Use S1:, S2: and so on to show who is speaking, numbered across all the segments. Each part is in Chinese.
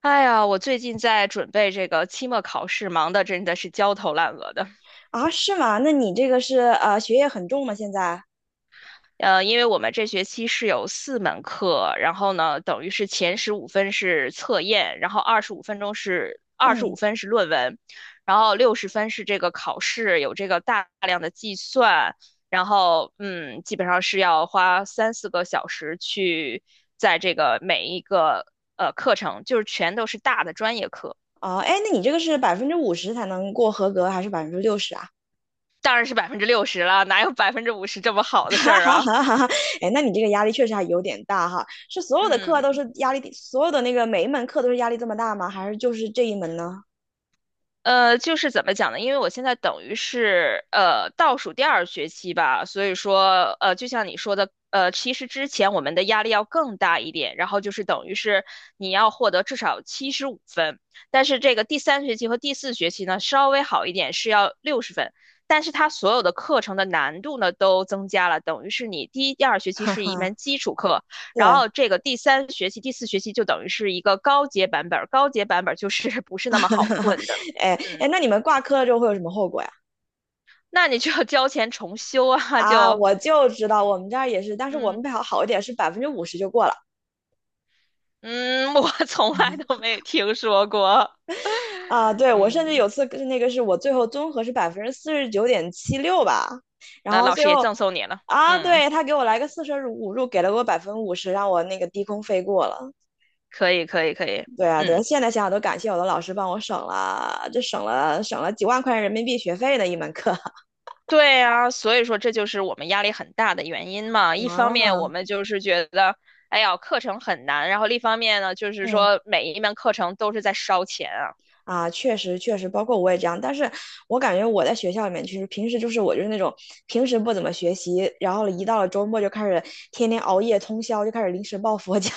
S1: 哎呀，我最近在准备这个期末考试，忙的真的是焦头烂额的。
S2: 啊，是吗？那你这个是学业很重吗？现在？
S1: 因为我们这学期是有4门课，然后呢，等于是前十五分是测验，然后二十五
S2: 嗯，
S1: 分是论文，然后六十分是这个考试，有这个大量的计算，然后基本上是要花三四个小时去在这个每一个课程，就是全都是大的专业课。
S2: 哦，哎，那你这个是百分之五十才能过合格，还是60%啊？
S1: 当然是60%了，哪有50%这么 好的事
S2: 哈
S1: 儿
S2: 哈
S1: 啊？
S2: 哈哈哈！哎，那你这个压力确实还有点大哈。是所有的课
S1: 嗯，
S2: 都是压力，所有的那个每一门课都是压力这么大吗？还是就是这一门呢？
S1: 就是怎么讲呢？因为我现在等于是倒数第二学期吧，所以说就像你说的，其实之前我们的压力要更大一点，然后就是等于是你要获得至少75分，但是这个第三学期和第四学期呢稍微好一点，是要六十分，但是它所有的课程的难度呢都增加了，等于是你第一、第二学 期
S2: 哈
S1: 是一
S2: 哈，
S1: 门基础课，
S2: 对，
S1: 然 后这个第三学期、第四学期就等于是一个高阶版本儿，高阶版本儿就是 不是
S2: 哈
S1: 那么好
S2: 哈哈，
S1: 混的。
S2: 哎
S1: 嗯，
S2: 哎，那你们挂科了之后会有什么后果呀？
S1: 那你就要交钱重修啊，
S2: 啊，我就知道我们这儿也是，但是我们
S1: 嗯
S2: 比较好一点，是百分之五十就过了。
S1: 嗯，我 从来都没听说过。
S2: 啊，对，我甚至
S1: 嗯，
S2: 有次跟那个是我最后综合是49.76%吧，然
S1: 那
S2: 后
S1: 老
S2: 最
S1: 师也
S2: 后
S1: 赠送你了。
S2: 啊，
S1: 嗯，
S2: 对，他给我来个四舍五入，给了我百分之五十，让我那个低空飞过了。
S1: 可以，可以，可以。
S2: 对啊，对啊，
S1: 嗯，
S2: 现在想想都感谢我的老师帮我省了，这省了几万块人民币学费的一门课 啊，
S1: 对啊，所以说这就是我们压力很大的原因嘛。一方面我们就是觉得，哎呀，课程很难，然后另一方面呢，就是
S2: 嗯。
S1: 说每一门课程都是在烧钱啊。
S2: 啊，确实确实，包括我也这样，但是我感觉我在学校里面，其实平时就是我就是那种平时不怎么学习，然后一到了周末就开始天天熬夜通宵，就开始临时抱佛脚。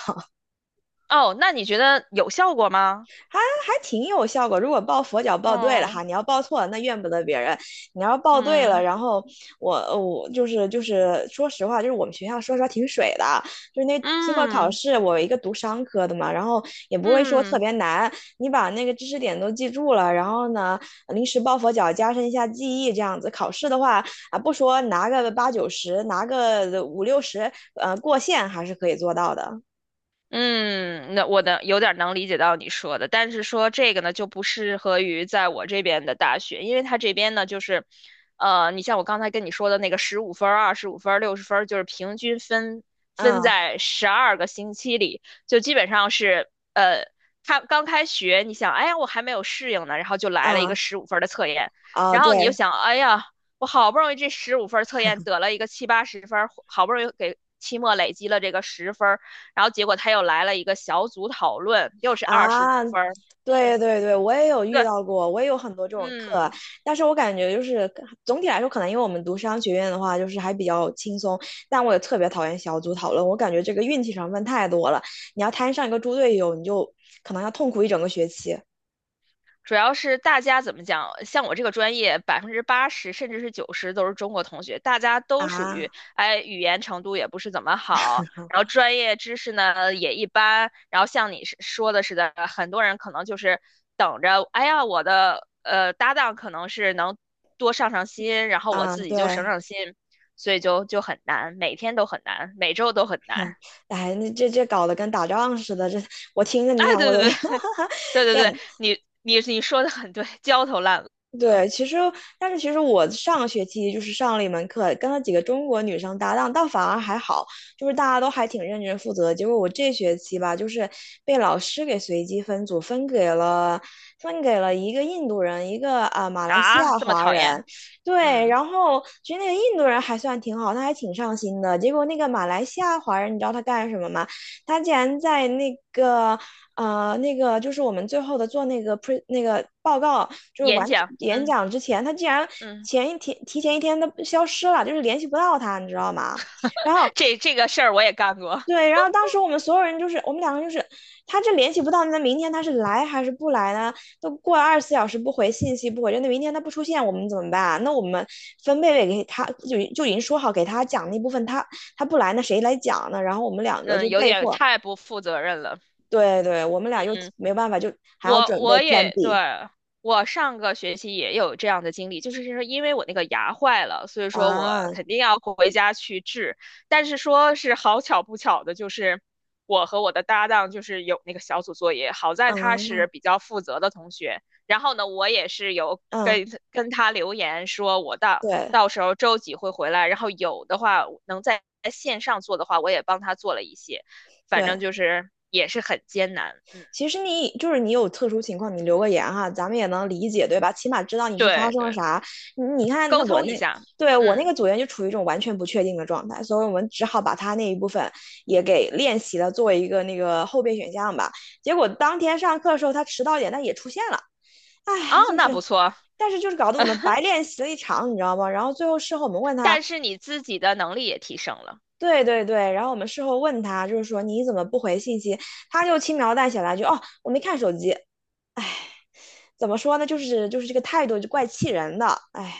S1: 哦，那你觉得有效果吗？
S2: 还挺有效果。如果抱佛脚抱对了
S1: 嗯
S2: 哈，你要抱错了那怨不得别人。你要抱对了，
S1: 嗯
S2: 然后我我就是说实话，就是我们学校说实话挺水的，就是那期末考
S1: 嗯
S2: 试，我一个读商科的嘛，然后也不会说特
S1: 嗯。
S2: 别难，你把那个知识点都记住了，然后呢临时抱佛脚，加深一下记忆，这样子考试的话啊，不说拿个八九十，拿个五六十，过线还是可以做到的。
S1: 嗯，那我能有点儿能理解到你说的，但是说这个呢，就不适合于在我这边的大学，因为它这边呢，就是，你像我刚才跟你说的那个十五分儿、二十五分儿、60分儿，就是平均分分
S2: 嗯
S1: 在12个星期里，就基本上是，呃，他刚开学，你想，哎呀，我还没有适应呢，然后就来了一个
S2: 嗯
S1: 十五分儿的测验，
S2: 啊，
S1: 然
S2: 对。
S1: 后你就想，哎呀，我好不容易这十五分儿测验得了一个七八十分儿，好不容易给期末累积了这个十分。然后结果他又来了一个小组讨论，又是二十五
S2: 啊，
S1: 分儿。嗯，
S2: 对对对，我也有遇
S1: 对，
S2: 到过，我也有很多这种课，
S1: 嗯，
S2: 但是我感觉就是总体来说，可能因为我们读商学院的话，就是还比较轻松，但我也特别讨厌小组讨论，我感觉这个运气成分太多了，你要摊上一个猪队友，你就可能要痛苦一整个学期
S1: 主要是大家怎么讲，像我这个专业，80%甚至是九十都是中国同学，大家都属
S2: 啊
S1: 于，哎，语言程度也不是怎么好，
S2: 嗯
S1: 然后专业知识呢也一般，然后像你是说的似的，很多人可能就是等着，哎呀，我的搭档可能是能多上上心，然后我
S2: 啊，
S1: 自己就省
S2: 对，
S1: 省心，所以就很难，每天都很难，每周都很
S2: 哼，
S1: 难。
S2: 哎，那这搞得跟打仗似的，这我听着
S1: 哎，
S2: 你感
S1: 对
S2: 我都
S1: 对
S2: 要
S1: 对对 对
S2: 这样，
S1: 对，你说的很对，焦头烂额
S2: 对，其实但是其实我上个学期就是上了一门课，跟了几个中国女生搭档，倒反而还好，就是大家都还挺认真负责。结果我这学期吧，就是被老师给随机分组，分给了一个印度人，一个马来西
S1: 啊，
S2: 亚
S1: 这么
S2: 华
S1: 讨
S2: 人。
S1: 厌，
S2: 对，
S1: 嗯，
S2: 然后其实那个印度人还算挺好，他还挺上心的。结果那个马来西亚华人，你知道他干什么吗？他竟然在那个那个就是我们最后的做那个 pre 那个报告，就是
S1: 演
S2: 完
S1: 讲，
S2: 演
S1: 嗯
S2: 讲之前，他竟然
S1: 嗯，
S2: 前一天提前一天都消失了，就是联系不到他，你知道吗？然后
S1: 这个事儿我也干过，
S2: 对，然后当时我们所有人就是我们两个就是，他这联系不到，那明天他是来还是不来呢？都过了24小时不回信息不回，那明天他不出现，我们怎么办啊？那我们分贝贝给他就已经说好给他讲那部分，他不来，那谁来讲呢？然后我们两个就
S1: 嗯，有
S2: 被
S1: 点
S2: 迫。
S1: 太不负责任了，
S2: 对对，我们俩又
S1: 嗯。
S2: 没办法，就还要
S1: 我
S2: 准备
S1: 我
S2: Plan
S1: 也对，
S2: B
S1: 我上个学期也有这样的经历，就是说因为我那个牙坏了，所以说我
S2: 啊，
S1: 肯定要回家去治。但是说是好巧不巧的，就是我和我的搭档就是有那个小组作业，好在他
S2: 嗯
S1: 是比较负责的同学，然后呢，我也是有
S2: 嗯，
S1: 跟他留言说我到
S2: 对
S1: 到时候周几会回来，然后有的话能在线上做的话，我也帮他做了一些，反
S2: 对。
S1: 正就是也是很艰难，嗯，
S2: 其实你就是你有特殊情况，你留个言哈，咱们也能理解，对吧？起码知道你是发
S1: 对
S2: 生了
S1: 对。
S2: 啥。你看，那
S1: 沟
S2: 我
S1: 通一
S2: 那
S1: 下。
S2: 对，我那
S1: 嗯，
S2: 个组员就处于一种完全不确定的状态，所以我们只好把他那一部分也给练习了，作为一个那个后备选项吧。结果当天上课的时候，他迟到点，但也出现了。
S1: 哦，
S2: 哎，就
S1: 那
S2: 是，
S1: 不错，
S2: 但是就是搞得我们白练习了一场，你知道吗？然后最后事后我们问他。
S1: 但是你自己的能力也提升了。
S2: 对对对，然后我们事后问他，就是说你怎么不回信息？他就轻描淡写来句哦，我没看手机。哎，怎么说呢？就是这个态度就怪气人的。哎，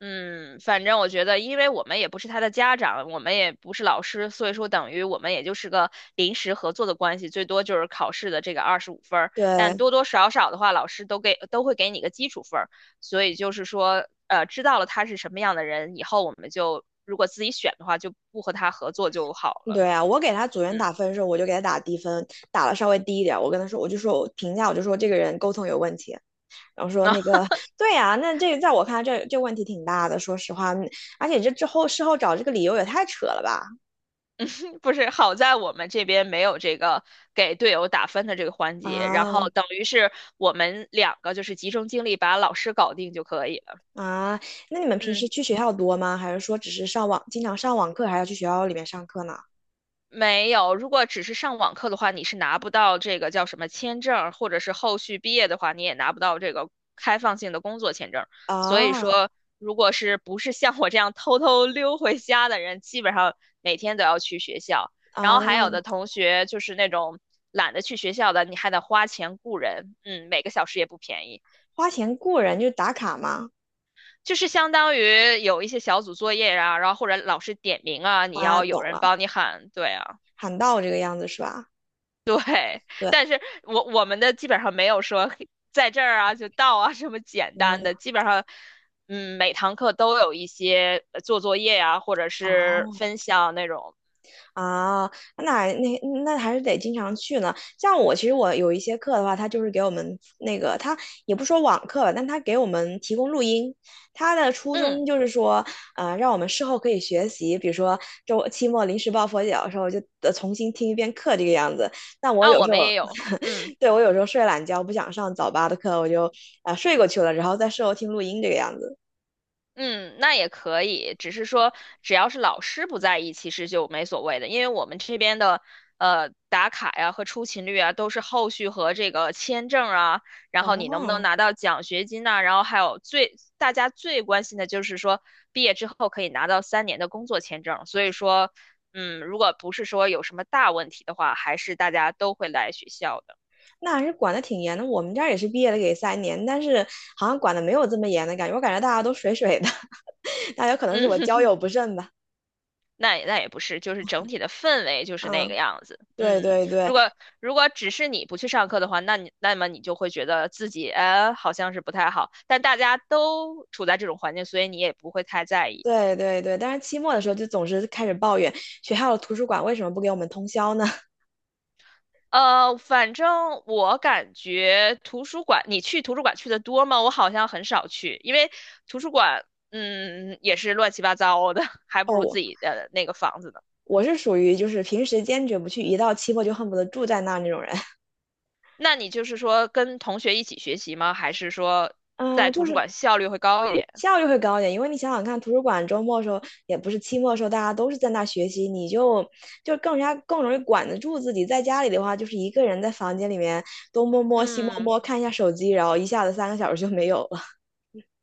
S1: 嗯，反正我觉得，因为我们也不是他的家长，我们也不是老师，所以说等于我们也就是个临时合作的关系，最多就是考试的这个二十五分儿，但
S2: 对
S1: 多多少少的话，老师都会给你个基础分儿，所以就是说，知道了他是什么样的人以后，我们就如果自己选的话，就不和他合作就好了。
S2: 对啊，我给他组
S1: 嗯，
S2: 员打分的时候，我就给他打低分，打了稍微低一点。我跟他说，我就说我评价，我就说这个人沟通有问题。然后 说
S1: 那
S2: 那个，对呀、那这个在我看来这问题挺大的，说实话，嗯而且这之后事后找这个理由也太扯了吧？
S1: 不是，好在我们这边没有这个给队友打分的这个环节，然
S2: 啊，
S1: 后等于是我们两个就是集中精力把老师搞定就可以了。
S2: 啊，那你们平时
S1: 嗯。
S2: 去学校多吗？还是说只是上网，经常上网课，还要去学校里面上课呢？
S1: 没有，如果只是上网课的话，你是拿不到这个叫什么签证或者是后续毕业的话，你也拿不到这个开放性的工作签证所以
S2: 啊
S1: 说，如果是不是像我这样偷偷溜回家的人，基本上每天都要去学校。然
S2: 啊，
S1: 后还有的同学就是那种懒得去学校的，你还得花钱雇人，每个小时也不便宜。
S2: 花钱雇人就是打卡嘛。
S1: 就是相当于有一些小组作业啊，然后或者老师点名啊，你
S2: 啊，
S1: 要有
S2: 懂
S1: 人
S2: 了，
S1: 帮你喊，对啊。
S2: 喊到这个样子是吧？
S1: 对，
S2: 对，
S1: 但是我们的基本上没有说嘿在这儿啊就到啊这么简单的，
S2: 嗯，
S1: 基本上，每堂课都有一些做作业呀、或者是
S2: 哦，
S1: 分享那种，
S2: 啊，那那那还是得经常去呢。像我，其实我有一些课的话，他就是给我们那个，他也不说网课吧，但他给我们提供录音。他的初衷
S1: 嗯，
S2: 就是说，让我们事后可以学习，比如说周期末临时抱佛脚的时候，就得重新听一遍课这个样子。但我
S1: 啊，
S2: 有
S1: 我
S2: 时
S1: 们
S2: 候，
S1: 也有，嗯。
S2: 对，我有时候睡懒觉，不想上早八的课，我就睡过去了，然后在事后听录音这个样子。
S1: 嗯，那也可以，只是说只要是老师不在意，其实就没所谓的，因为我们这边的打卡呀和出勤率啊，都是后续和这个签证啊，然
S2: 哦，
S1: 后你能不能拿到奖学金呐、然后还有大家最关心的就是说毕业之后可以拿到3年的工作签证，所以说，如果不是说有什么大问题的话，还是大家都会来学校的。
S2: 那还是管的挺严的。我们这儿也是毕业了给3年，但是好像管的没有这么严的感觉。我感觉大家都水水的，大家可能是我交
S1: 嗯，
S2: 友不慎吧。
S1: 那也不是，就是整体的氛围就是那个
S2: 嗯，
S1: 样子。
S2: 对
S1: 嗯，
S2: 对对
S1: 如果只是你不去上课的话，那么你就会觉得自己好像是不太好，但大家都处在这种环境，所以你也不会太在意。
S2: 对对对。但是期末的时候就总是开始抱怨学校的图书馆为什么不给我们通宵呢？
S1: 反正我感觉图书馆，你去图书馆去的多吗？我好像很少去，因为图书馆也是乱七八糟的，还 不
S2: 哦，
S1: 如
S2: 我
S1: 自己的那个房子呢。
S2: 我是属于就是平时坚决不去，一到期末就恨不得住在那儿那种人。
S1: 那你就是说跟同学一起学习吗？还是说在
S2: 嗯，就
S1: 图书
S2: 是
S1: 馆效率会高一点？
S2: 效率会高一点，因为你想想看，图书馆周末的时候，也不是期末的时候，大家都是在那学习，你就更加更容易管得住自己。在家里的话，就是一个人在房间里面东摸摸西摸
S1: 嗯，
S2: 摸，看一下手机，然后一下子3个小时就没有了。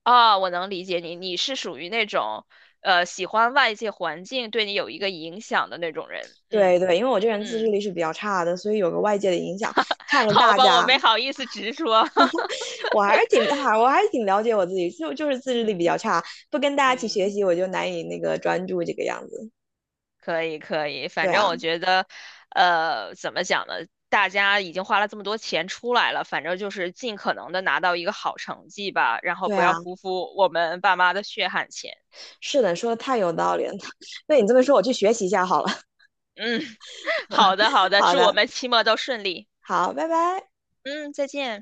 S1: 啊，我能理解你，你是属于那种，喜欢外界环境对你有一个影响的那种人。嗯
S2: 对对，因为我这人自制
S1: 嗯，
S2: 力是比较差的，所以有个外界的影响，看 着
S1: 好
S2: 大
S1: 吧，我
S2: 家，
S1: 没好意思直说。
S2: 我还是挺还 我还是挺了解我自己，就是自制力比
S1: 嗯
S2: 较差，不跟大家一起学
S1: 嗯，
S2: 习，我就难以那个专注这个样子。
S1: 可以可以，
S2: 对
S1: 反正
S2: 啊，
S1: 我觉得，怎么讲呢？大家已经花了这么多钱出来了，反正就是尽可能的拿到一个好成绩吧，然后
S2: 对
S1: 不要
S2: 啊，
S1: 辜负我们爸妈的血汗钱。
S2: 是的，说的太有道理了。被你这么说，我去学习一下好了。
S1: 嗯，好的好的，
S2: 好
S1: 祝我
S2: 的，
S1: 们期末都顺利。
S2: 好，拜拜。
S1: 嗯，再见。